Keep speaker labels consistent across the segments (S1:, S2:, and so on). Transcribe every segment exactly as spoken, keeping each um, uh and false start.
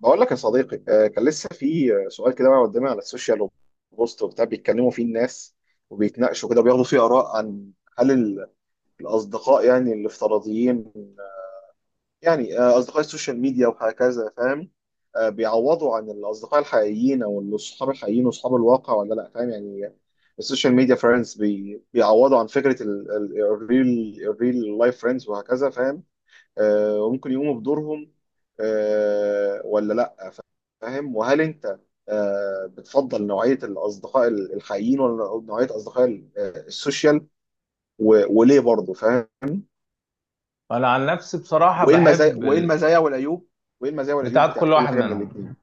S1: بقول لك يا صديقي، آه، كان لسه في آه، سؤال كده بقى قدامي على السوشيال، وبوست وبتاع بيتكلموا فيه الناس، وبيتناقشوا كده وبياخدوا فيه آراء عن هل ال- الأصدقاء يعني الافتراضيين، يعني آه، أصدقاء السوشيال ميديا وهكذا. فاهم؟ آه، بيعوضوا عن الأصدقاء الحقيقيين أو الأصحاب الحقيقيين وأصحاب الواقع ولا لأ؟ فاهم يعني السوشيال ميديا فريندز بي بيعوضوا عن فكرة الريل الريل لايف فريندز وهكذا. فاهم؟ آه، وممكن يقوموا بدورهم، آه، ولا؟ فاهم. وهل انت آه، بتفضل نوعيه الاصدقاء الحقيقيين ولا نوعيه اصدقاء ال- آه، السوشيال؟ و- وليه برضه؟ فاهم.
S2: انا عن نفسي بصراحه
S1: وايه المزايا
S2: بحب
S1: وايه
S2: ال...
S1: المزايا والعيوب وايه المزايا والعيوب
S2: بتاعت
S1: بتاعت
S2: كل
S1: كل
S2: واحد
S1: حاجه من
S2: منهم.
S1: الاثنين؟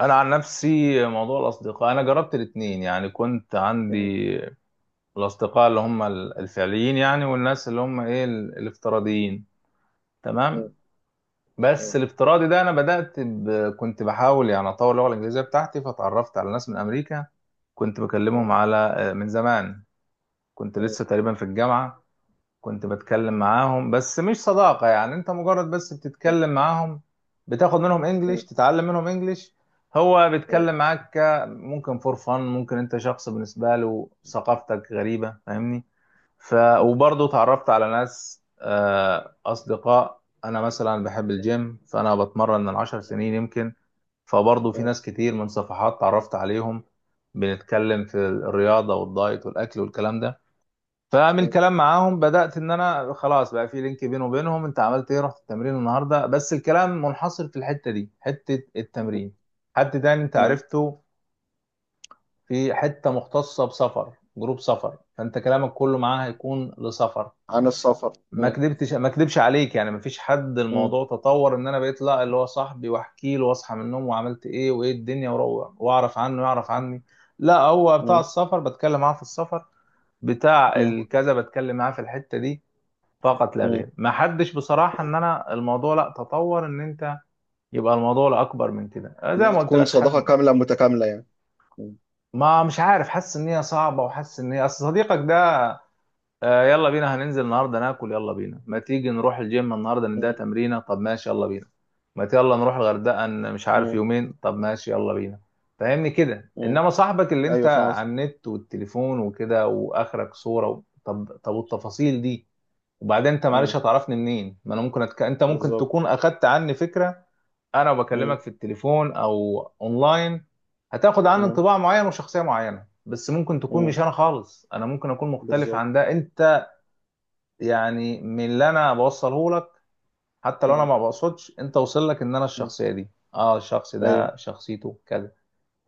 S2: انا عن نفسي موضوع الاصدقاء انا جربت الاتنين، يعني كنت عندي الاصدقاء اللي هم ال- الفعليين، يعني والناس اللي هم ايه ال- الافتراضيين. تمام. بس الافتراضي ده انا بدات ب... كنت بحاول يعني اطور اللغه الانجليزيه بتاعتي، فتعرفت على ناس من امريكا. كنت بكلمهم على آه، من زمان، كنت لسه تقريبا في الجامعه. كنت بتكلم معاهم بس مش صداقة، يعني انت مجرد بس بتتكلم معاهم، بتاخد منهم انجليش، تتعلم منهم انجليش. هو بيتكلم معاك ك- ممكن فور فن، ممكن انت شخص بالنسبة له ثقافتك غريبة، فاهمني؟ ف وبرضه اتعرفت على ناس، آه، اصدقاء. انا مثلا بحب الجيم، فانا بتمرن من عشر سنين يمكن، فبرضه في ناس كتير من صفحات اتعرفت عليهم، بنتكلم في الرياضة والدايت والاكل والكلام ده. فمن الكلام معاهم بدأت ان انا خلاص بقى في لينك بيني وبينهم. انت عملت ايه؟ رحت التمرين النهارده؟ بس الكلام منحصر في الحتة دي، حتة التمرين. حد تاني انت عرفته في حتة مختصة بسفر، جروب سفر، فانت كلامك كله معاه هيكون لسفر.
S1: عن السفر.
S2: ما كدبتش ما كدبش عليك، يعني ما فيش حد الموضوع تطور ان انا بقيت لا اللي هو صاحبي واحكي له واصحى من النوم وعملت ايه وايه الدنيا وروح واعرف عنه يعرف عني. لا، هو بتاع السفر بتكلم معاه في السفر، بتاع الكذا بتكلم معاه في الحتة دي فقط لا غير. ما حدش بصراحة ان انا الموضوع لا تطور ان انت يبقى الموضوع لا اكبر من كده. زي
S1: انها
S2: ما قلت
S1: تكون
S2: لك،
S1: صداقه
S2: حد
S1: كامله متكامله يعني.
S2: ما، مش عارف، حاسس ان هي صعبة، وحاسس ان هي اصل صديقك ده آه، يلا بينا هننزل النهاردة ناكل، يلا بينا ما تيجي نروح الجيم النهاردة نديها تمرينة، طب ماشي يلا بينا، ما ت- يلا نروح الغردقة ن- مش عارف يومين، طب ماشي يلا بينا. فاهمني كده؟ انما صاحبك اللي انت
S1: ايوه فاهم قصدي.
S2: على النت والتليفون وكده واخرك صورة و- طب طب والتفاصيل دي. وبعدين انت معلش
S1: مم.
S2: هتعرفني منين؟ ما انا ممكن أتك... انت ممكن
S1: بالظبط.
S2: تكون اخدت عني فكره. انا وبكلمك
S1: مم.
S2: في التليفون او اونلاين هتاخد عني
S1: مم.
S2: انطباع معين وشخصيه معينه، بس ممكن تكون
S1: مم.
S2: مش انا خالص، انا ممكن اكون مختلف
S1: بالظبط.
S2: عن ده. انت يعني من اللي انا بوصله لك، حتى لو انا
S1: مم.
S2: ما بقصدش، انت وصل لك ان انا
S1: مم.
S2: الشخصيه دي، اه الشخص
S1: ايوه.
S2: ده شخصيته كذا.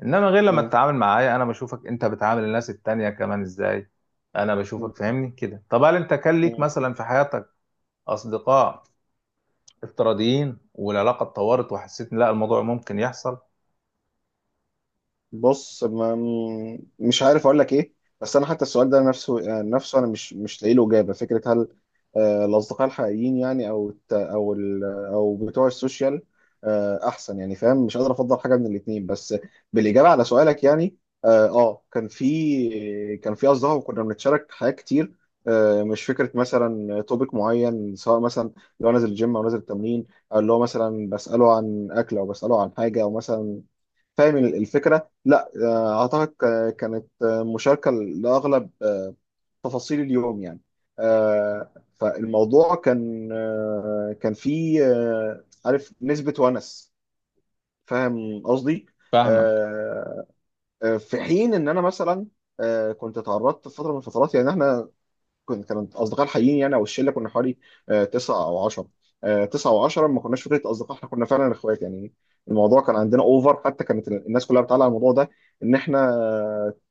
S2: انما غير لما
S1: مم.
S2: تتعامل معايا، انا بشوفك انت بتعامل الناس التانية كمان ازاي. انا بشوفك، فاهمني كده؟ طب هل انت كان ليك
S1: مم.
S2: مثلا في حياتك اصدقاء افتراضيين والعلاقه اتطورت وحسيت ان لا الموضوع ممكن يحصل؟
S1: بص، ما مش عارف اقول لك ايه. بس انا حتى السؤال ده نفسه يعني، نفسه انا مش مش لاقي له اجابه. فكره، هل آه، الاصدقاء الحقيقيين يعني او الت- او ال- او بتوع السوشيال آه، احسن؟ يعني فاهم، مش قادر افضل حاجه من الاثنين. بس بالاجابه على سؤالك يعني اه آه، كان في كان في اصدقاء وكنا بنتشارك حاجات كتير. آه، مش فكره مثلا توبيك معين، سواء مثلا لو نازل الجيم او نازل التمرين، او اللي هو مثلا بساله عن اكل او بساله عن حاجه او مثلا. فاهم الفكرة؟ لا آه، أعتقد ك- كانت آه، مشاركة لأغلب آه، تفاصيل اليوم يعني. آه، فالموضوع كان آه، كان فيه آه، عارف، نسبة ونس. فاهم قصدي؟
S2: فاهمك.
S1: آه، آه، في حين إن أنا مثلا آه، كنت اتعرضت في فترة من الفترات. يعني إحنا كنت كانت اصدقاء الحقيقيين يعني او الشله، كنا حوالي آه، تسعه او عشره تسعه او عشرة. ما كناش فكره اصدقاء، احنا كنا فعلا اخوات يعني. الموضوع كان عندنا اوفر، حتى كانت ال- الناس كلها بتعلق على الموضوع ده، ان احنا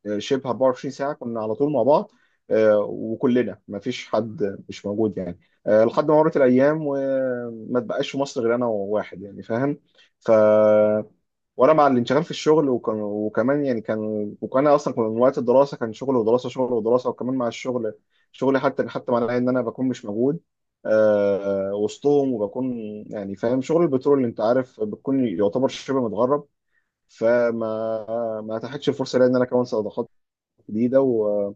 S1: آه، شبه 24 ساعه كنا على طول مع بعض. آه، وكلنا، ما فيش حد مش موجود يعني. آه، لحد ما مرت الايام وما تبقاش في مصر غير انا وواحد يعني. فاهم. ف وانا مع الانشغال في الشغل، وكان وكمان يعني كان وكان اصلا، كان من وقت الدراسه، كان شغل ودراسه، شغل ودراسه، وكمان مع الشغل شغلي حتى. حتى معناه ان انا بكون مش موجود آه وسطهم، وبكون يعني فاهم شغل البترول اللي انت عارف بتكون يعتبر شبه متغرب. فما ما اتاحتش الفرصه ليا ان انا اكون صداقات جديده و...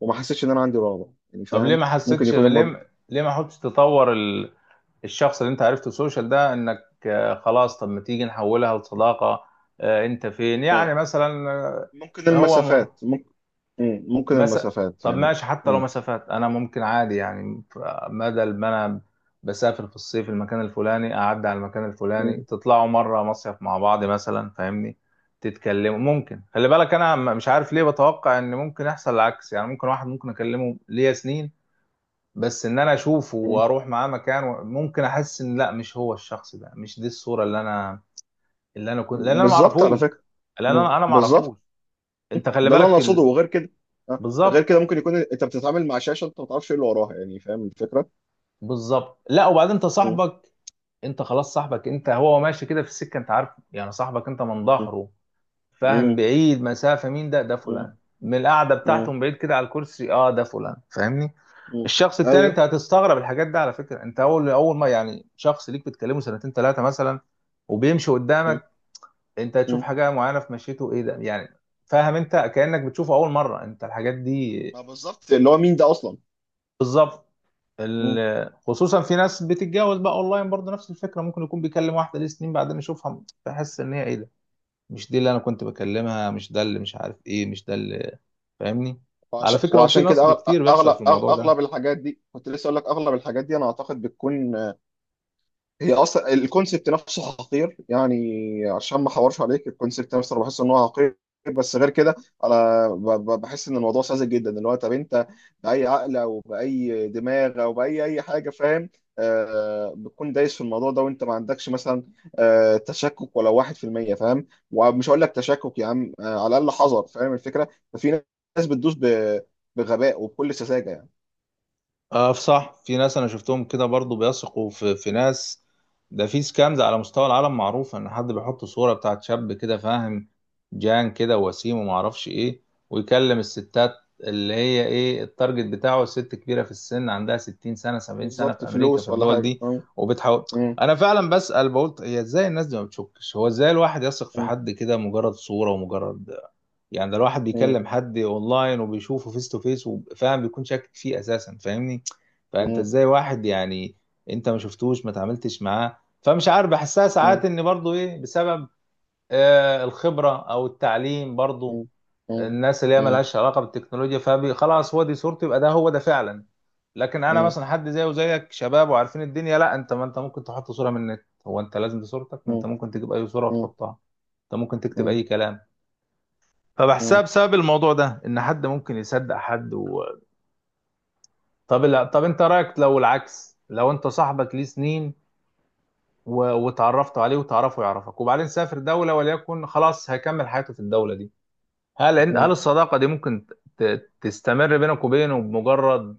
S1: وما حسيتش ان انا عندي رغبه يعني.
S2: طب ليه
S1: فاهم.
S2: ما
S1: ممكن
S2: حسيتش،
S1: يكون
S2: ليه
S1: المض...
S2: ما- ليه ما حاولتش تطور ال- الشخص اللي انت عرفته سوشيال ده، انك آه، خلاص طب ما تيجي نحولها لصداقه، آه، انت فين يعني
S1: آه
S2: مثلا
S1: ممكن
S2: آه، هو مح...
S1: المسافات، ممكن. مم، ممكن
S2: مس...
S1: المسافات
S2: طب
S1: يعني.
S2: ماشي حتى لو
S1: مم.
S2: مسافات انا ممكن عادي، يعني ف- بدل ما انا بسافر في الصيف المكان الفلاني، اعدي على المكان الفلاني، تطلعوا مره مصيف مع بعض مثلا، فاهمني؟ تتكلموا. ممكن، خلي بالك، انا م- مش عارف ليه بتوقع ان ممكن يحصل العكس، يعني ممكن واحد ممكن اكلمه ليا سنين، بس ان انا اشوفه
S1: مم.
S2: واروح معاه مكان و- ممكن احس ان لا مش هو، الشخص ده مش دي الصوره اللي انا، اللي انا كنت، لان انا ما
S1: بالظبط على
S2: اعرفوش.
S1: فكره.
S2: لان
S1: مم.
S2: انا انا ما اعرفوش.
S1: بالظبط.
S2: انت
S1: مم.
S2: خلي
S1: ده اللي انا
S2: بالك
S1: اقصده،
S2: ال...
S1: وغير كده. أه.
S2: بالظبط.
S1: غير كده ممكن يكون انت بتتعامل مع شاشه، انت ما تعرفش ايه اللي وراها يعني. فاهم الفكره؟
S2: بالظبط. لا، وبعدين انت
S1: مم.
S2: صاحبك، انت خلاص صاحبك انت، هو ماشي كده في السكه، انت عارف يعني صاحبك انت من
S1: مم.
S2: ظهره، فاهم؟
S1: مم.
S2: بعيد مسافه، مين ده؟ ده
S1: مم.
S2: فلان. من القعده بتاعته
S1: مم.
S2: من بعيد كده على الكرسي، اه ده فلان، فاهمني؟
S1: مم.
S2: الشخص التاني انت
S1: ايوه.
S2: هتستغرب الحاجات دي، على فكره. انت اول اول ما يعني شخص ليك بتكلمه سنتين ثلاثه مثلا وبيمشي
S1: مم.
S2: قدامك، انت هتشوف
S1: مم.
S2: حاجه معينه في مشيته، ايه ده يعني؟ فاهم؟ انت كانك بتشوفه اول مره، انت الحاجات دي.
S1: ما بالظبط، اللي هو مين ده اصلا؟
S2: بالظبط.
S1: مم.
S2: ال- خصوصا في ناس بتتجوز بقى اونلاين، برضه نفس الفكره، ممكن يكون بيكلم واحده ليه سنين بعدين يشوفها بحس ان هي، ايه ده؟ مش دي اللي انا كنت بكلمها، مش ده اللي، مش عارف ايه، مش ده اللي، فاهمني؟ على
S1: وعشان
S2: فكره، وفي
S1: وعشان كده
S2: نصب كتير بيحصل في
S1: اغلب اغلب
S2: الموضوع ده.
S1: اغلب الحاجات دي، كنت لسه اقول لك اغلب الحاجات دي، انا اعتقد بتكون هي اصلا الكونسبت نفسه حقير يعني. عشان ما احورش عليك، الكونسبت نفسه انا بحس ان هو حقير. بس غير كده انا ب- ب- بحس ان الموضوع ساذج جدا. اللي هو، طب انت باي عقل او باي دماغ او باي اي حاجه فاهم آه بتكون دايس في الموضوع ده، وانت ما عندكش مثلا آه تشكك ولو واحد في المية؟ فاهم. ومش هقول لك تشكك، يا عم آه على الاقل حذر. فاهم الفكره؟ ففي ناس بتدوس ب- بغباء وبكل سذاجه يعني.
S2: اه صح، في ناس انا شفتهم كده برضو بيثقوا في في ناس. ده في سكامز على مستوى العالم معروف، ان حد بيحط صورة بتاعت شاب كده، فاهم؟ جان كده وسيم وما اعرفش ايه، ويكلم الستات، اللي هي ايه التارجت بتاعه، ست كبيرة في السن عندها ستين سنة سبعين سنة، في
S1: بالظبط،
S2: امريكا، في
S1: فلوس ولا
S2: الدول
S1: حاجه.
S2: دي،
S1: مم.
S2: وبتحاول.
S1: مم.
S2: انا فعلا بسأل بقول هي ازاي الناس دي ما بتشكش؟ هو ازاي الواحد يثق في حد كده، مجرد صورة ومجرد، يعني ده الواحد
S1: مم.
S2: بيكلم حد اونلاين وبيشوفه فيس تو فيس وفاهم بيكون شاكك فيه اساسا، فاهمني؟ فانت
S1: مم.
S2: ازاي واحد يعني انت ما شفتوش، ما تعاملتش معاه، فمش عارف، بحسها ساعات
S1: مم.
S2: ان برضو ايه، بسبب آه الخبرة او التعليم برضو،
S1: مم. مم.
S2: الناس اللي هي
S1: مم.
S2: ملهاش علاقة بالتكنولوجيا، فبي خلاص هو دي صورته يبقى ده هو ده فعلا. لكن انا
S1: مم.
S2: مثلا حد زيه وزيك، شباب وعارفين الدنيا، لا، انت ما انت ممكن تحط صورة من النت، هو انت لازم دي صورتك؟ ما انت
S1: مم.
S2: ممكن تجيب اي صورة
S1: مم.
S2: وتحطها، انت ممكن تكتب
S1: مم.
S2: اي كلام. فبحسها
S1: مم.
S2: بسبب الموضوع ده ان حد ممكن يصدق حد و... طب لا، طب انت رايك لو العكس، لو انت صاحبك ليه سنين و... وتعرفت عليه وتعرفه يعرفك، وبعدين سافر دوله وليكن، خلاص هيكمل حياته في الدوله دي، هل هل
S1: مم.
S2: الصداقه دي ممكن ت... تستمر بينك وبينه بمجرد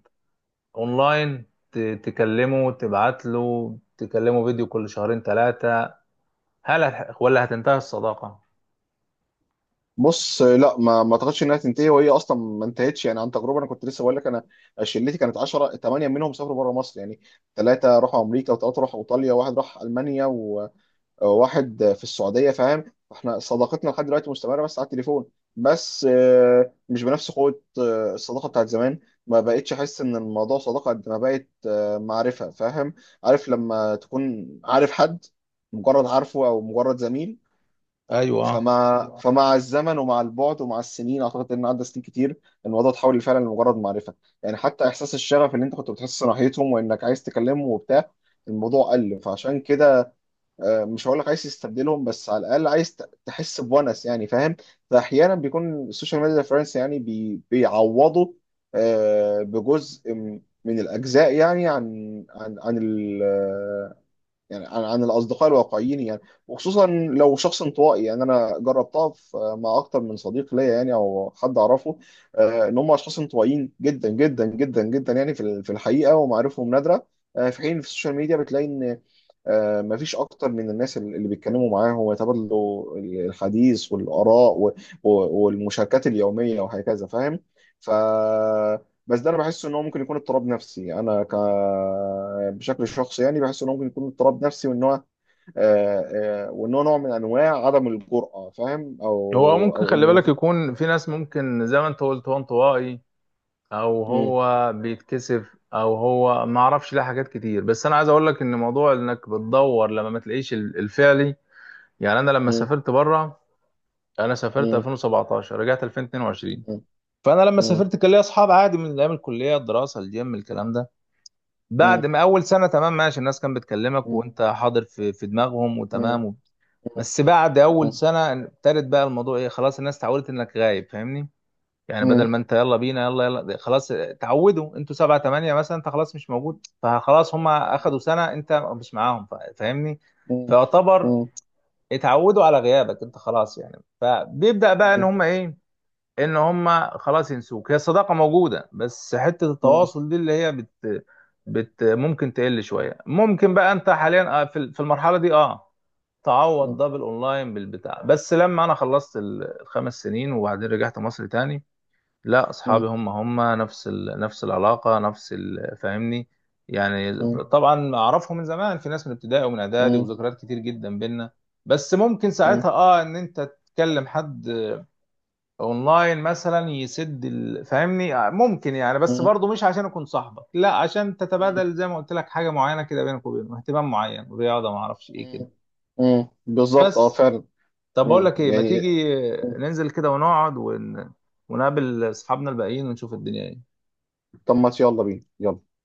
S2: اونلاين، ت... تكلمه تبعت له تكلمه فيديو كل شهرين ثلاثه؟ هل هت... ولا هتنتهي الصداقه؟
S1: بص، لا، ما ما اعتقدش انها تنتهي، وهي اصلا ما انتهتش يعني. عن تجربه، انا كنت لسه بقول لك انا، شلتي كانت عشرة، تمانيه منهم سافروا بره مصر يعني. ثلاثه راحوا امريكا، وثلاثه راحوا ايطاليا، وواحد راح المانيا، واحد في السعوديه. فاهم. احنا صداقتنا لحد دلوقتي مستمره بس على التليفون. بس آه، مش بنفس قوه آه، الصداقه بتاعت زمان. ما بقتش احس ان الموضوع صداقه قد ما بقت آه، معرفه. فاهم؟ عارف لما تكون عارف حد، مجرد عارفه او مجرد زميل.
S2: ايوه.
S1: فمع فمع الزمن ومع البعد ومع السنين، اعتقد ان عدى سنين كتير، الموضوع اتحول فعلا لمجرد معرفه يعني. حتى احساس الشغف اللي انت كنت بتحس ناحيتهم وانك عايز تكلمه وبتاع، الموضوع قل. فعشان كده آه، مش هقول لك عايز تستبدلهم، بس على الاقل عايز ت- تحس بونس يعني. فاهم. فاحيانا بيكون السوشيال ميديا ريفرنس، يعني بي بيعوضوا آه، بجزء م- من الاجزاء يعني، عن عن عن ال يعني عن, عن الاصدقاء الواقعيين يعني. وخصوصا لو شخص انطوائي يعني. انا جربتها في- مع اكتر من صديق ليا يعني، او حد اعرفه آه، ان هم اشخاص انطوائيين جدا جدا جدا جدا يعني في ال- في الحقيقه، ومعارفهم نادره. آه، في حين في السوشيال ميديا بتلاقي ان آه، مفيش اكتر من الناس اللي اللي بيتكلموا معاهم ويتبادلوا الحديث والاراء و- و- والمشاركات اليوميه وهكذا. فاهم. ف بس ده انا بحس ان هو ممكن يكون اضطراب نفسي. انا ك بشكل شخصي يعني، بحس ان هو ممكن يكون اضطراب نفسي، وان هو آه، آه، وان هو نوع من انواع عدم الجرأه. فاهم.
S2: هو
S1: او
S2: ممكن،
S1: او
S2: خلي
S1: ان
S2: بالك،
S1: مف...
S2: يكون في ناس ممكن زي ما انت قلت وانطوائي، او
S1: م-
S2: هو بيتكسف، او هو ما اعرفش ليه، حاجات كتير. بس انا عايز اقول لك ان موضوع انك بتدور لما ما تلاقيش ال- الفعلي، يعني انا لما
S1: م-
S2: سافرت بره، انا سافرت
S1: م-
S2: ألفين وسبعتاشر رجعت ألفين واتنين وعشرين.
S1: م-
S2: فانا لما
S1: م-
S2: سافرت كان ليا اصحاب عادي من ايام الكليه، الدراسه، الجيم، الكلام ده.
S1: م-
S2: بعد
S1: م-
S2: ما اول سنه تمام ماشي، الناس كانت بتكلمك وانت حاضر في في دماغهم
S1: م-
S2: وتمام
S1: م-
S2: و... بس بعد اول
S1: م-
S2: سنه ابتدت بقى الموضوع ايه، خلاص الناس اتعودت انك غايب، فاهمني؟ يعني
S1: م-
S2: بدل
S1: م-
S2: ما انت يلا بينا يلا يلا، ده خلاص تعودوا. انتوا سبعة تمانية مثلا، انت خلاص مش موجود، فخلاص هم اخدوا سنة انت مش معاهم، فا- فاهمني؟ فيعتبر اتعودوا على غيابك، انت خلاص يعني. فبيبدأ بقى ان
S1: م-
S2: هم ايه، ان هم خلاص ينسوك. هي الصداقة موجودة بس حتة
S1: م-
S2: التواصل دي اللي هي بت, بت ممكن تقل شوية. ممكن بقى انت حاليا اه، في ال- في المرحلة دي اه
S1: م-
S2: تعوض ده بالاونلاين بالبتاع. بس لما انا خلصت ال- الخمس سنين وبعدين رجعت مصر تاني، لا،
S1: م-
S2: اصحابي هم هم نفس ال... نفس العلاقه نفس ال... فاهمني؟ يعني
S1: مم.
S2: طبعا اعرفهم من زمان، في ناس من ابتدائي ومن اعدادي
S1: مم.
S2: وذكريات كتير جدا بينا. بس ممكن
S1: مم.
S2: ساعتها اه ان انت تكلم حد اونلاين مثلا يسد ال... فاهمني؟ آه، ممكن يعني، بس
S1: مم.
S2: برضه مش عشان اكون صاحبك، لا، عشان
S1: مم.
S2: تتبادل زي ما قلت لك حاجه معينه كده بينك وبينه، اهتمام معين، رياضه، ما اعرفش ايه كده.
S1: مم. مم. بالظبط. اه،
S2: بس
S1: فعلا.
S2: طب، بقول
S1: مم.
S2: لك ايه، ما
S1: يعني.
S2: تيجي
S1: مم.
S2: ننزل كده ونقعد ون... ونقابل اصحابنا الباقيين ونشوف الدنيا ايه؟
S1: طب ما يلا بينا، يلا.